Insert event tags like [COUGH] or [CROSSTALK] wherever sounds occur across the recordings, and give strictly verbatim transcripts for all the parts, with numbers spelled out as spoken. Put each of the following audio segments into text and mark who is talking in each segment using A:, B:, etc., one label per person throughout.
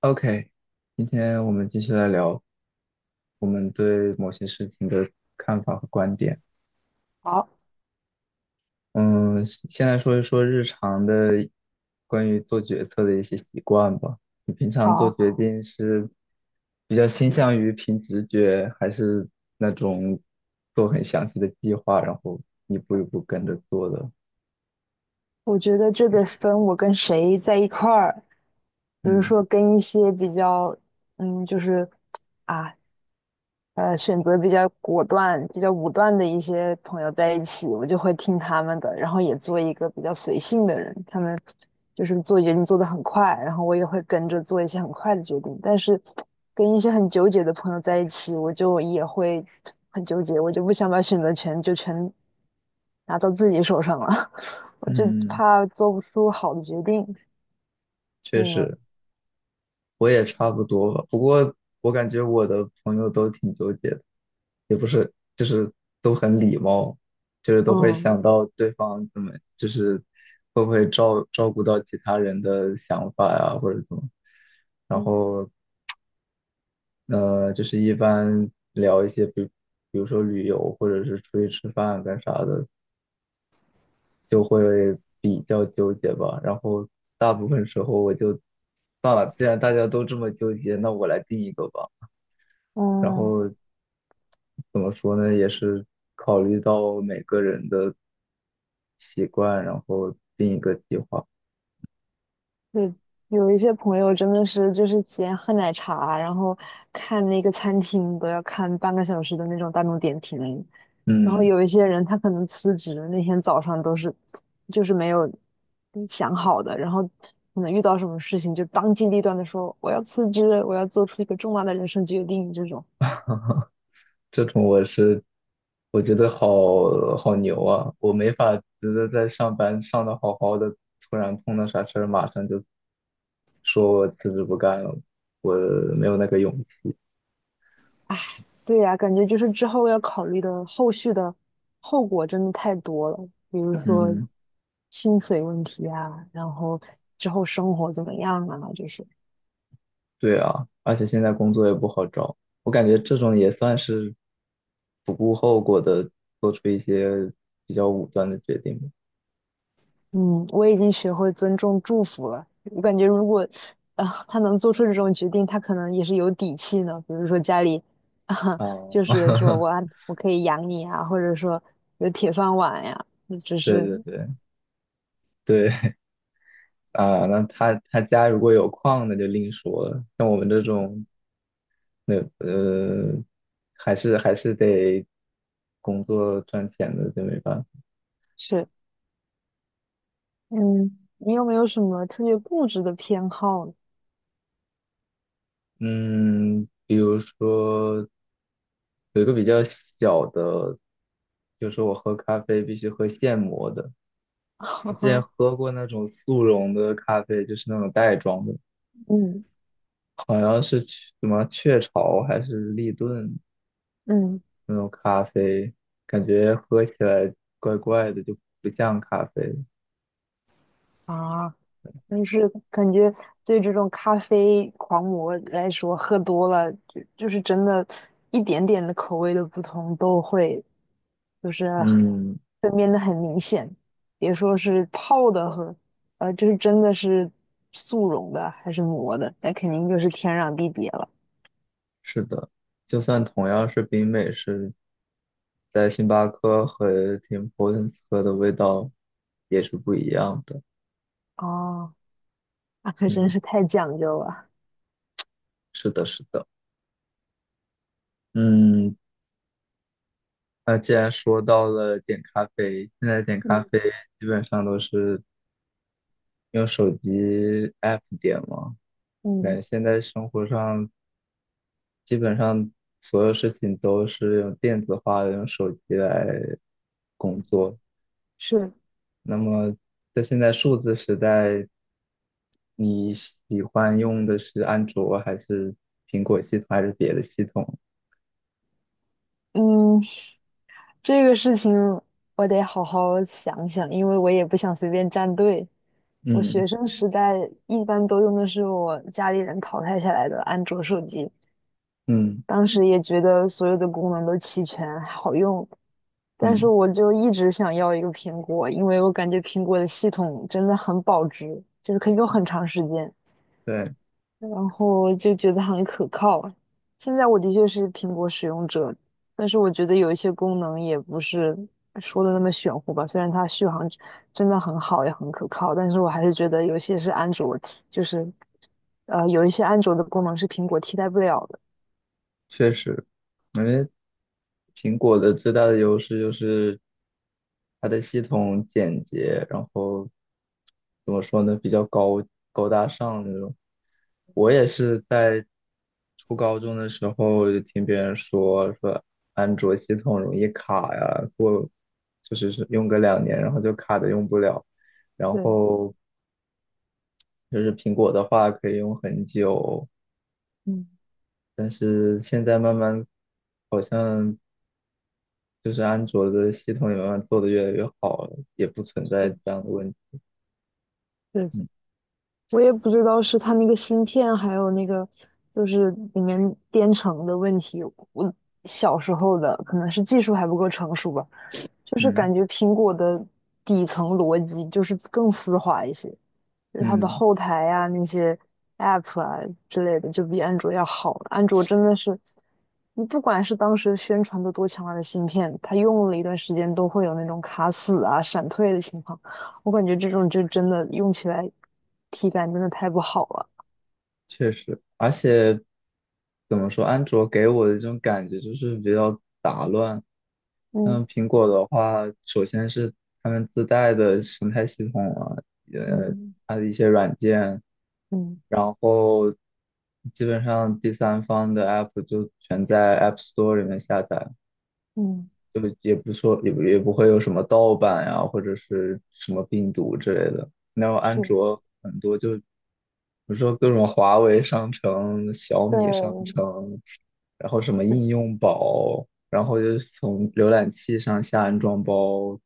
A: OK，今天我们继续来聊我们对某些事情的看法和观点。
B: 好，
A: 嗯，先来说一说日常的关于做决策的一些习惯吧。你平常做
B: 好，
A: 决定是比较倾向于凭直觉，还是那种做很详细的计划，然后一步一步跟着做的？
B: 我觉得这得分我跟谁在一块儿，比如
A: 嗯
B: 说跟一些比较，嗯，就是啊，呃，选择比较果断、比较武断的一些朋友在一起，我就会听他们的，然后也做一个比较随性的人。他们就是做决定做得很快，然后我也会跟着做一些很快的决定。但是跟一些很纠结的朋友在一起，我就也会很纠结，我就不想把选择权就全拿到自己手上了，[LAUGHS] 我就
A: 嗯，
B: 怕做不出好的决定。
A: 确
B: 你呢？
A: 实。我也差不多吧，不过我感觉我的朋友都挺纠结的，也不是，就是都很礼貌，就是都会想
B: 嗯
A: 到对方怎么，就是会不会照照顾到其他人的想法呀、或者怎么，然
B: 嗯
A: 后呃，就是一般聊一些，比比如说旅游或者是出去吃饭干啥的，就会比较纠结吧，然后大部分时候我就算了，既然大家都这么纠结，那我来定一个吧。然
B: 嗯，
A: 后怎么说呢，也是考虑到每个人的习惯，然后定一个计划。
B: 对，有一些朋友真的是就是先喝奶茶，然后看那个餐厅都要看半个小时的那种大众点评，然后
A: 嗯，
B: 有一些人他可能辞职那天早上都是就是没有想好的，然后可能遇到什么事情就当机立断的说我要辞职，我要做出一个重大的人生决定这种。
A: 这种我是我觉得好好牛啊，我没法觉得在上班上的好好的，突然碰到啥事儿，马上就说我辞职不干了，我没有那个勇气。
B: 对呀，感觉就是之后要考虑的后续的后果真的太多了，比如对说
A: 嗯，
B: 薪水问题啊，然后之后生活怎么样啊，这些。
A: 对啊，而且现在工作也不好找，我感觉这种也算是不顾后果的做出一些比较武断的决定吧。
B: 嗯，我已经学会尊重祝福了。我感觉如果啊、他能做出这种决定，他可能也是有底气呢。比如说家里啊、
A: 哦，
B: 就是说我
A: [LAUGHS]
B: 啊我可以养你啊，或者说有铁饭碗呀，嗯只
A: 对
B: 是
A: 对对对啊，那他他家如果有矿，那就另说了。像我们这种，那呃，还是还是得工作赚钱的，就没办法。
B: 是。嗯，你有没有什么特别固执的偏好呢？
A: 嗯，比如说有一个比较小的，就是我喝咖啡必须喝现磨的。我之前
B: [LAUGHS]
A: 喝过那种速溶的咖啡，就是那种袋装的，
B: 嗯
A: 好像是雀什么雀巢还是立顿。
B: 嗯。
A: 那种咖啡，感觉喝起来怪怪的，就不像咖啡。
B: 啊，就是感觉对这种咖啡狂魔来说，喝多了就就是真的，一点点的口味的不同都会就是
A: 嗯，
B: 分辨的很明显，别说是泡的和，呃，就是真的是速溶的还是磨的，那肯定就是天壤地别了。
A: 是的，就算同样是冰美式，在星巴克和 Tim Hortons 喝的味道也是不一样的。
B: 哦，[LAUGHS] 那可真
A: 嗯，
B: 是太讲究了。
A: 是的，是的。嗯，那既然说到了点咖啡，现在点咖
B: 嗯
A: 啡基本上都是用手机 app 点嘛。感
B: 嗯，
A: 觉现在生活上基本上所有事情都是用电子化的，用手机来工作。
B: 是，
A: 那么在现在数字时代，你喜欢用的是安卓还是苹果系统还是别的系统？
B: 嗯，这个事情我得好好想想，因为我也不想随便站队。我
A: 嗯
B: 学生时代一般都用的是我家里人淘汰下来的安卓手机，
A: 嗯
B: 当时也觉得所有的功能都齐全，好用。但是
A: 嗯，
B: 我就一直想要一个苹果，因为我感觉苹果的系统真的很保值，就是可以用很长时间。
A: 对。
B: 然后就觉得很可靠啊。现在我的确是苹果使用者，但是我觉得有一些功能也不是说的那么玄乎吧。虽然它续航真的很好，也很可靠，但是我还是觉得有些是安卓替就是呃，有一些安卓的功能是苹果替代不了的。
A: 确实，因为苹果的最大的优势就是它的系统简洁，然后怎么说呢，比较高高大上那种。我也是在初高中的时候就听别人说说安卓系统容易卡呀，过就是是用个两年，然后就卡的用不了。然
B: 对，
A: 后就是苹果的话可以用很久，
B: 嗯，
A: 但是现在慢慢好像就是安卓的系统也慢慢做的越来越好了，也不存在
B: 是
A: 这样的问题。
B: 对，
A: 嗯
B: 我也不知道是它那个芯片，还有那个就是里面编程的问题。我小时候的可能是技术还不够成熟吧。就是
A: 嗯
B: 感觉苹果的底层逻辑就是更丝滑一些，就是它的
A: 嗯，
B: 后台啊那些 App 啊之类的就比安卓要好。安卓真的是，你不管是当时宣传的多强大的芯片，它用了一段时间都会有那种卡死啊、闪退的情况。我感觉这种就真的用起来体感真的太不好了。
A: 确实，而且怎么说，安卓给我的这种感觉就是比较杂乱。
B: 嗯
A: 嗯，苹果的话，首先是他们自带的生态系统啊，呃，
B: 嗯
A: 它的一些软件，
B: 嗯
A: 然后基本上第三方的 app 就全在 App Store 里面下载。
B: 嗯，
A: 就也不说也不也不会有什么盗版呀、或者是什么病毒之类的。然后安
B: 是
A: 卓很多就，比如说各种华为商城、小
B: 对
A: 米商
B: 对。
A: 城，然后什么应用宝，然后就是从浏览器上下安装包，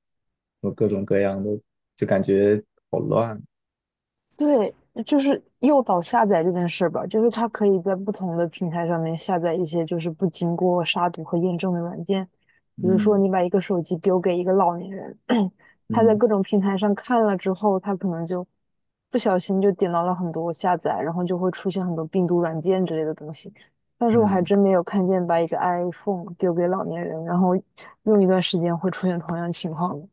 A: 有各种各样的，就感觉好乱。
B: 对，就是诱导下载这件事吧，就是它可以在不同的平台上面下载一些就是不经过杀毒和验证的软件，比如说
A: 嗯
B: 你把一个手机丢给一个老年人，[CLEARS THROAT] 他在
A: 嗯
B: 各种平台上看了之后，他可能就不小心就点到了很多下载，然后就会出现很多病毒软件之类的东西。但是我还
A: 嗯，
B: 真没有看见把一个 iPhone 丢给老年人，然后用一段时间会出现同样情况的，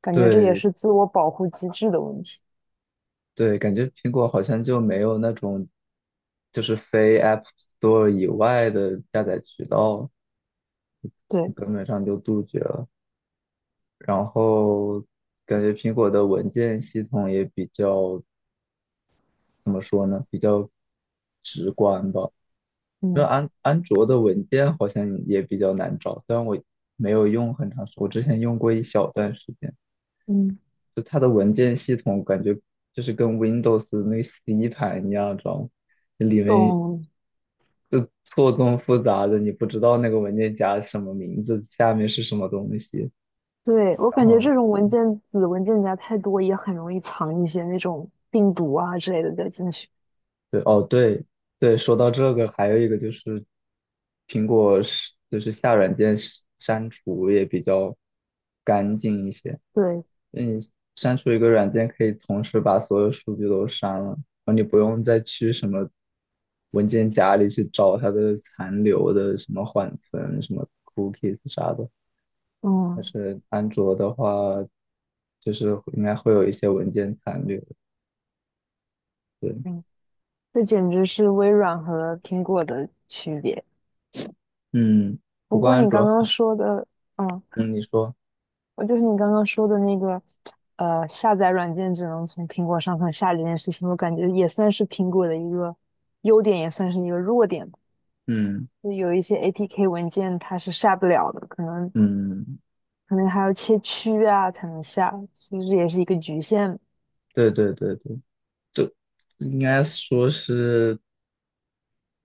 B: 感觉这也
A: 对
B: 是自我保护机制的问题。
A: 对，感觉苹果好像就没有那种，就是非 App Store 以外的下载渠道。
B: 对。
A: 根本上就杜绝了。然后感觉苹果的文件系统也比较，怎么说呢，比较直观吧。因为
B: 嗯。
A: 安安卓的文件好像也比较难找，虽然我没有用很长时间，我之前用过一小段时间，
B: 嗯，
A: 就它的文件系统感觉就是跟 Windows 那个 C 盘一样，知道吗？里面
B: 懂。
A: 就错综复杂的，你不知道那个文件夹是什么名字，下面是什么东西。
B: 对，我
A: 然
B: 感觉
A: 后
B: 这种文件子文件夹太多，也很容易藏一些那种病毒啊之类的在进去。
A: 对，哦，对对，说到这个，还有一个就是苹果是就是下软件删删除也比较干净一些。
B: 对，
A: 你删除一个软件可以同时把所有数据都删了，然后你不用再去什么文件夹里去找它的残留的什么缓存、什么 cookies 啥的。但
B: 嗯
A: 是安卓的话，就是应该会有一些文件残留。对，
B: 嗯，这简直是微软和苹果的区别。
A: 嗯，不
B: 不
A: 过
B: 过
A: 安
B: 你刚
A: 卓
B: 刚
A: 还
B: 说的，嗯，
A: 嗯，你说，
B: 我就是你刚刚说的那个，呃，下载软件只能从苹果上头下这件事情，我感觉也算是苹果的一个优点，也算是一个弱点吧。
A: 嗯。
B: 就有一些 A P K 文件它是下不了的，可能
A: 嗯，
B: 可能还要切区啊才能下，其实也是一个局限。
A: 对对对对，就应该说是，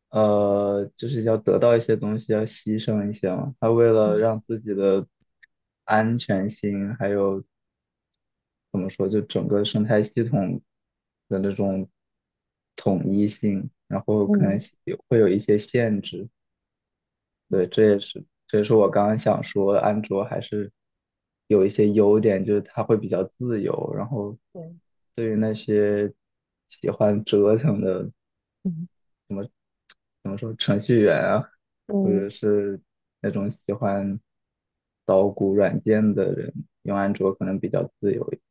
A: 呃，就是要得到一些东西，要牺牲一些嘛。他为了
B: 嗯
A: 让自己的安全性，还有怎么说，就整个生态系统的那种统一性，然后可能
B: 嗯
A: 会有一些限制。
B: 嗯
A: 对，这也是这也是我刚刚想说，安卓还是有一些优点，就是它会比较自由。然后
B: 对，
A: 对于那些喜欢折腾的，
B: 嗯
A: 怎么说，程序员啊，或者
B: 嗯
A: 是那种喜欢捣鼓软件的人，用安卓可能比较自由一点。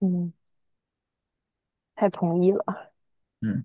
B: 嗯，太同意了。
A: 嗯。